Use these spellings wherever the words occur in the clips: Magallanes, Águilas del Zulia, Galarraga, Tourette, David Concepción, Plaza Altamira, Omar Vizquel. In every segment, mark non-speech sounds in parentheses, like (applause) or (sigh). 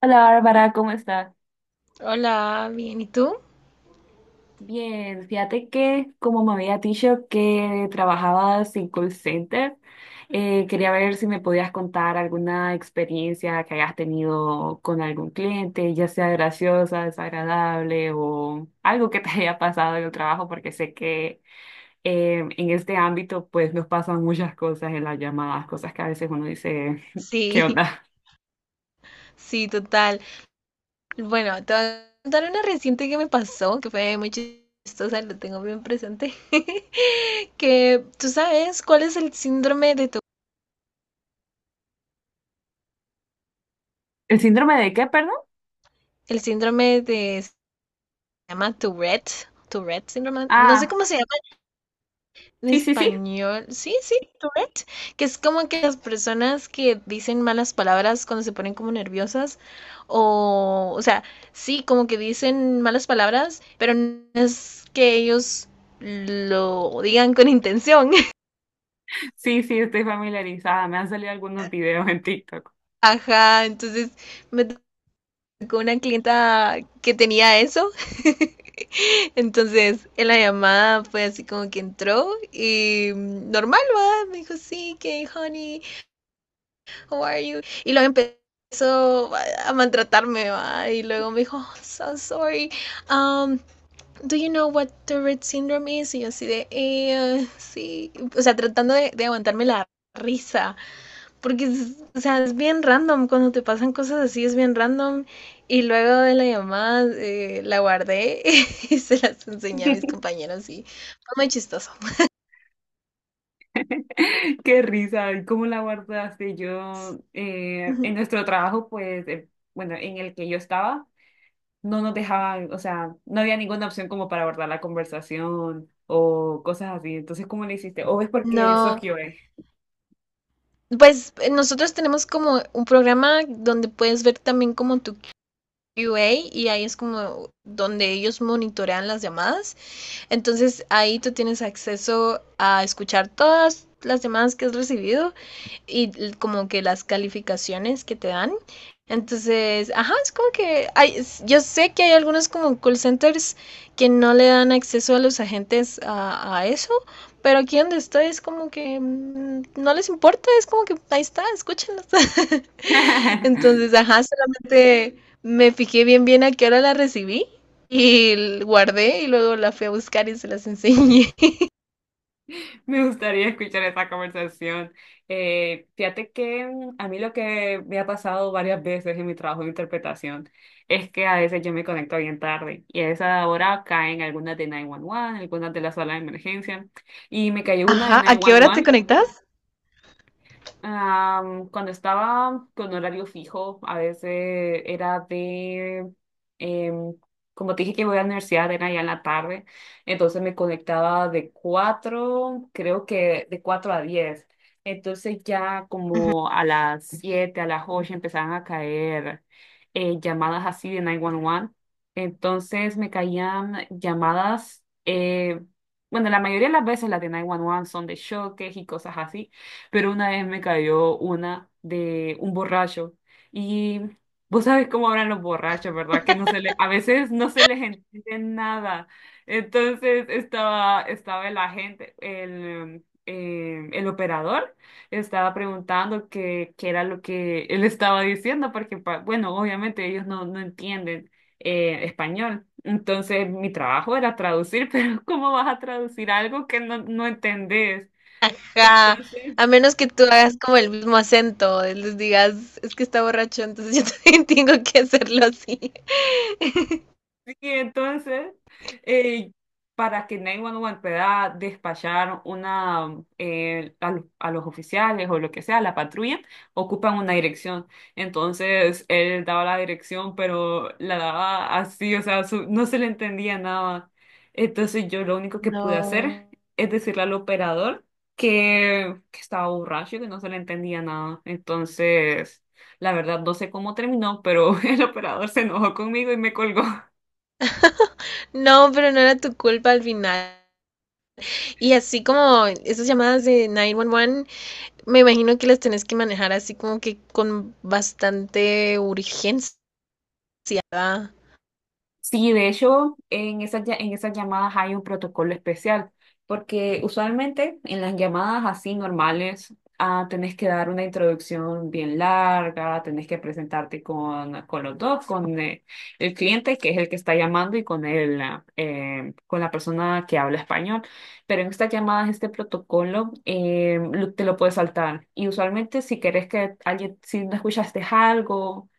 Hola Bárbara, ¿cómo estás? Hola, bien, ¿y tú? Bien, fíjate que como me había dicho que trabajabas en call center, quería ver si me podías contar alguna experiencia que hayas tenido con algún cliente, ya sea graciosa, desagradable o algo que te (laughs) haya pasado en el trabajo, porque sé que en este ámbito pues nos pasan muchas cosas en las llamadas, cosas que a veces uno dice, (laughs) ¿qué Sí, onda? (laughs) sí, total. Bueno, te voy a contar una reciente que me pasó, que fue muy chistosa, lo tengo bien presente, (laughs) que tú sabes cuál es el síndrome de tu, ¿El síndrome de qué, perdón? el síndrome de, se llama Tourette, Tourette síndrome, no sé Ah, cómo se llama. En sí, sí, sí. español, sí, sí, Tourette, que es como que las personas que dicen malas palabras cuando se ponen como nerviosas, o sea, sí, como que dicen malas palabras, pero no es que ellos lo digan con intención. (laughs) Sí, sí, estoy familiarizada. Me han salido algunos videos en TikTok. Ajá, entonces me tocó una clienta que tenía eso. (laughs) Entonces, en la llamada fue así como que entró y normal, ¿va? Me dijo, sí, que honey, how are you? Y luego empezó a maltratarme, ¿va?, y luego me dijo, oh, so sorry, um, do you know what Tourette syndrome is? Y yo así de, sí, o sea, tratando de aguantarme la risa, porque, o sea, es bien random, cuando te pasan cosas así es bien random, y luego de la llamada la guardé (laughs) y se las enseñé a mis (laughs) compañeros y fue muy chistoso. Qué risa, ¿y cómo la guardaste? Yo, en (laughs) nuestro trabajo, pues, bueno, en el que yo estaba, no nos dejaban, o sea, no había ninguna opción como para guardar la conversación o cosas así. Entonces, ¿cómo le hiciste? ¿O es porque sos No, QA? pues nosotros tenemos como un programa donde puedes ver también como tu QA y ahí es como donde ellos monitorean las llamadas. Entonces ahí tú tienes acceso a escuchar todas las llamadas que has recibido y como que las calificaciones que te dan. Entonces, ajá, es como que hay, yo sé que hay algunos como call centers que no le dan acceso a los agentes a eso, pero aquí donde estoy es como que no les importa, es como que ahí está, escúchenlos. (laughs) Entonces, (laughs) ajá, solamente me fijé bien bien a qué hora la recibí y guardé y luego la fui a buscar y se las enseñé. (laughs) Me gustaría escuchar esa conversación. Fíjate que mm, a mí lo que me ha pasado varias veces en mi trabajo de interpretación es que a veces yo me conecto bien tarde y a esa hora caen algunas de 911, algunas de la sala de emergencia y me (laughs) cayó una de Ajá, ¿a qué hora te 911. conectas? Am, cuando estaba con horario fijo, a veces era de, em, como te dije que voy a la universidad, era ya en la tarde, entonces me conectaba de 4, creo que de 4 a 10. Entonces ya Ujú. como a las 7 a las 8 empezaban a caer llamadas así de 911. Entonces me caían llamadas, bueno, la mayoría de las veces las de 911 son de choques y cosas así, pero una vez me cayó una de un borracho y vos sabes cómo hablan los borrachos, ¿verdad? Que no se le, a veces no se les entiende nada. Entonces estaba el agente, el operador, estaba preguntando qué, qué era lo que él estaba diciendo, porque, bueno, obviamente ellos no, no entienden español. Entonces mi trabajo era traducir, (laughs) pero ¿cómo vas a traducir algo que no, no entendés? Ajá, Entonces... a menos que tú hagas como el mismo acento, les digas, es que está borracho, entonces yo (laughs) también tengo que hacerlo así. (laughs) (laughs) Y entonces, eh, para que 911 pueda despachar una, a los oficiales o lo que sea, la patrulla, ocupan una dirección. Entonces, él daba la dirección, pero la daba así, o sea, no se le entendía nada. Entonces, yo lo único que pude hacer No, es decirle al operador que estaba borracho y que no se le entendía nada. Entonces, la verdad, no sé cómo terminó, pero (laughs) el operador se enojó conmigo y me colgó. no, pero no era tu culpa al final. Y así como esas llamadas de 911, me imagino que las tenés que manejar así como que con bastante urgencia, ¿verdad? Sí, de hecho, en esas, en esas llamadas hay un protocolo especial, porque usualmente en las llamadas así normales, ah, tenés que dar una introducción bien larga, tenés que presentarte con los dos, con el cliente, que es el que está llamando, y con el, con la persona que habla español. Pero en estas llamadas, este protocolo te lo puedes saltar. Y usualmente si querés que alguien, si no escuchaste algo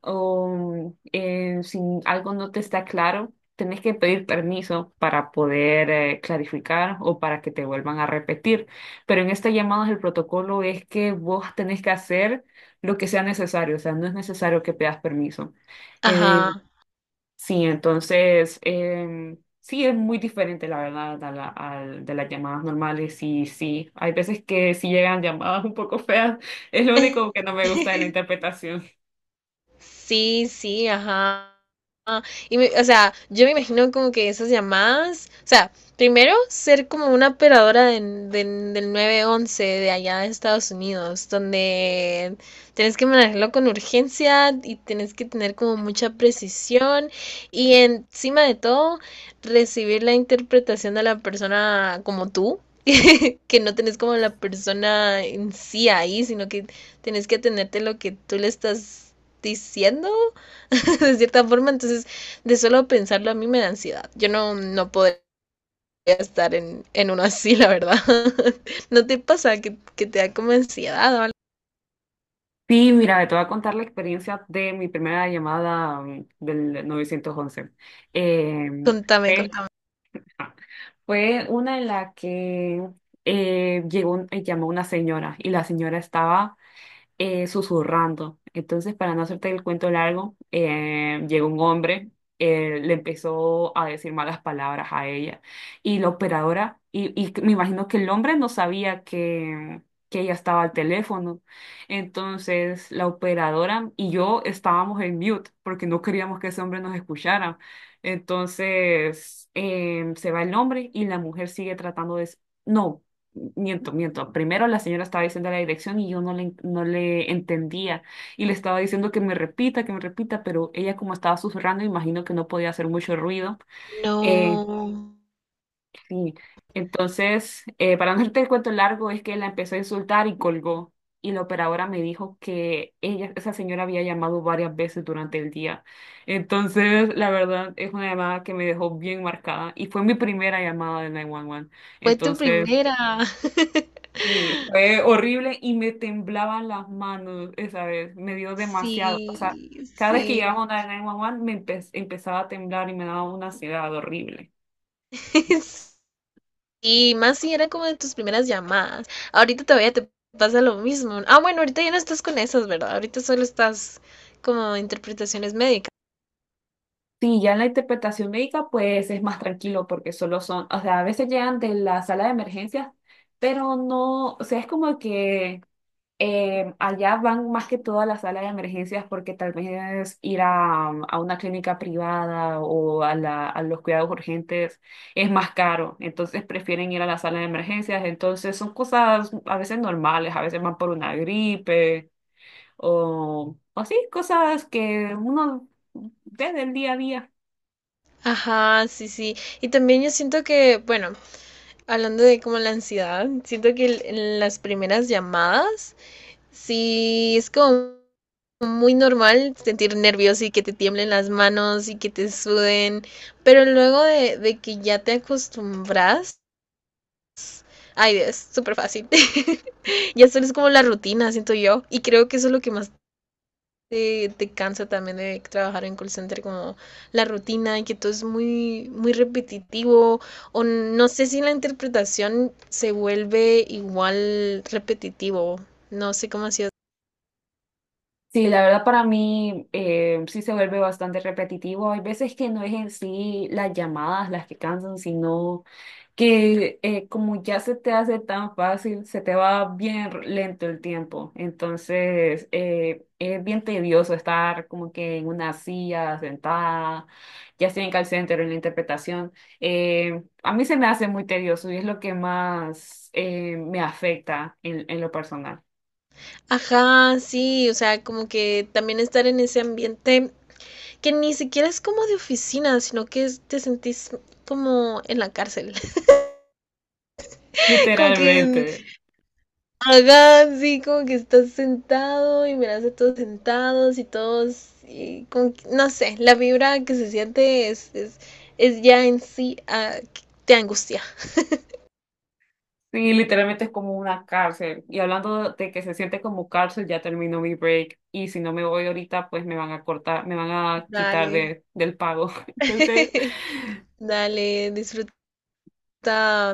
o si algo no te está claro, tenés que pedir permiso para poder clarificar o para que te vuelvan a repetir. Pero en estas llamadas el protocolo es que vos tenés que hacer lo que sea necesario, o sea, no es necesario que pidas permiso. Eh, Ajá, sí, entonces, sí, es muy diferente, la verdad, de las llamadas normales y sí, hay veces que sí llegan llamadas un poco feas, es lo único que no me gusta de la interpretación. sí, sí, ajá. Y, me- o sea, yo me imagino como que esas llamadas, o sea, primero ser como una operadora de- del nueve once de allá de Estados Unidos, donde tenés que manejarlo con urgencia y tenés que tener como mucha precisión y encima de todo recibir la interpretación de la persona como tú, (laughs) que no tenés como la persona en sí ahí, sino que tenés que atenderte lo que tú le estás diciendo (laughs) de cierta forma. Entonces, de solo pensarlo a mí me da ansiedad. Yo no, no podría estar en uno así, la verdad. (laughs) ¿No te pasa que te da como ansiedad o algo? Sí, mira, te voy a contar la experiencia de mi primera llamada mm, del 911. Eh, Contame, fue, contame. ajá, fue una en la que llegó, llamó una señora y la señora estaba susurrando. Entonces, para no hacerte el cuento largo, llegó un hombre, le empezó a decir malas palabras a ella. Y la operadora, y me imagino que el hombre no sabía que ella estaba al teléfono. Entonces, la operadora y yo estábamos en mute porque no queríamos que ese hombre nos escuchara. Entonces, se va el hombre y la mujer sigue tratando de... No. Miento, miento. Primero la señora estaba diciendo la dirección y yo no le, no le entendía y le estaba diciendo que me repita, pero ella como estaba susurrando, imagino que no podía hacer mucho ruido. Eh, No, sí. Entonces, para no hacerte el cuento largo, es que la empezó a insultar y colgó. Y la operadora me dijo que ella, esa señora había llamado varias veces durante el día. Entonces, la verdad, es una llamada que me dejó bien marcada y fue mi primera llamada de 911. fue tu Entonces... primera. (laughs) Sí, fue horrible y me temblaban las manos esa vez, me dio demasiado. O sea, Sí, cada vez que llegaba sí. una de 911 me empezaba a temblar y me daba una ansiedad horrible. (laughs) Y más si era como de tus primeras llamadas. Ahorita todavía te pasa lo mismo. Ah, bueno, ahorita ya no estás con esas, ¿verdad? Ahorita solo estás como interpretaciones médicas. Sí, ya en la interpretación médica pues es más tranquilo porque solo son, o sea, a veces llegan de la sala de emergencias, pero no, o sea, es como que allá van más que todo a la sala de emergencias porque tal vez ir a una clínica privada o a, a los cuidados urgentes es más caro, entonces prefieren ir a la sala de emergencias, entonces son cosas a veces normales, a veces van por una gripe o sí, cosas que uno ve del día a día. Ajá, sí, sí. Y también yo siento que, bueno, hablando de como la ansiedad, siento que el- en las primeras llamadas, sí es como muy normal sentir nervios y que te tiemblen las manos y que te suden, pero luego de que ya te acostumbras, ay, es súper fácil. (laughs) Ya solo es como la rutina, siento yo, y creo que eso es lo que más te, te cansa también de trabajar en call center como la rutina y que todo es muy, muy repetitivo o no sé si la interpretación se vuelve igual repetitivo, no sé cómo ha sido. Sí, la verdad para mí sí se vuelve bastante repetitivo. Hay veces que no es en sí las llamadas las que cansan, sino que como ya se te hace tan fácil, se te va bien lento el tiempo. Entonces, es bien tedioso estar como que en una silla sentada, ya sea en call center o en la interpretación. A mí se me hace muy tedioso y es lo que más me afecta en lo personal, Ajá, sí, o sea, como que también estar en ese ambiente que ni siquiera es como de oficina, sino que es- te sentís como en la cárcel, (laughs) (laughs) como que literalmente. ajá, sí, como que estás sentado y miras a todos sentados y todos, y como que- no sé, la vibra que se siente es ya en sí, ah, que te angustia. Sí, literalmente es como una cárcel. Y hablando de que se siente como cárcel, ya terminó mi break. Y si no me voy ahorita, pues me van a cortar, me van a quitar Dale, de, del pago. (laughs) Entonces, (laughs) dale, disfruta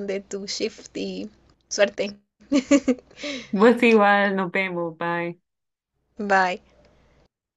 de tu shift y suerte. (laughs) pues igual, nos vemos, bye. Bye.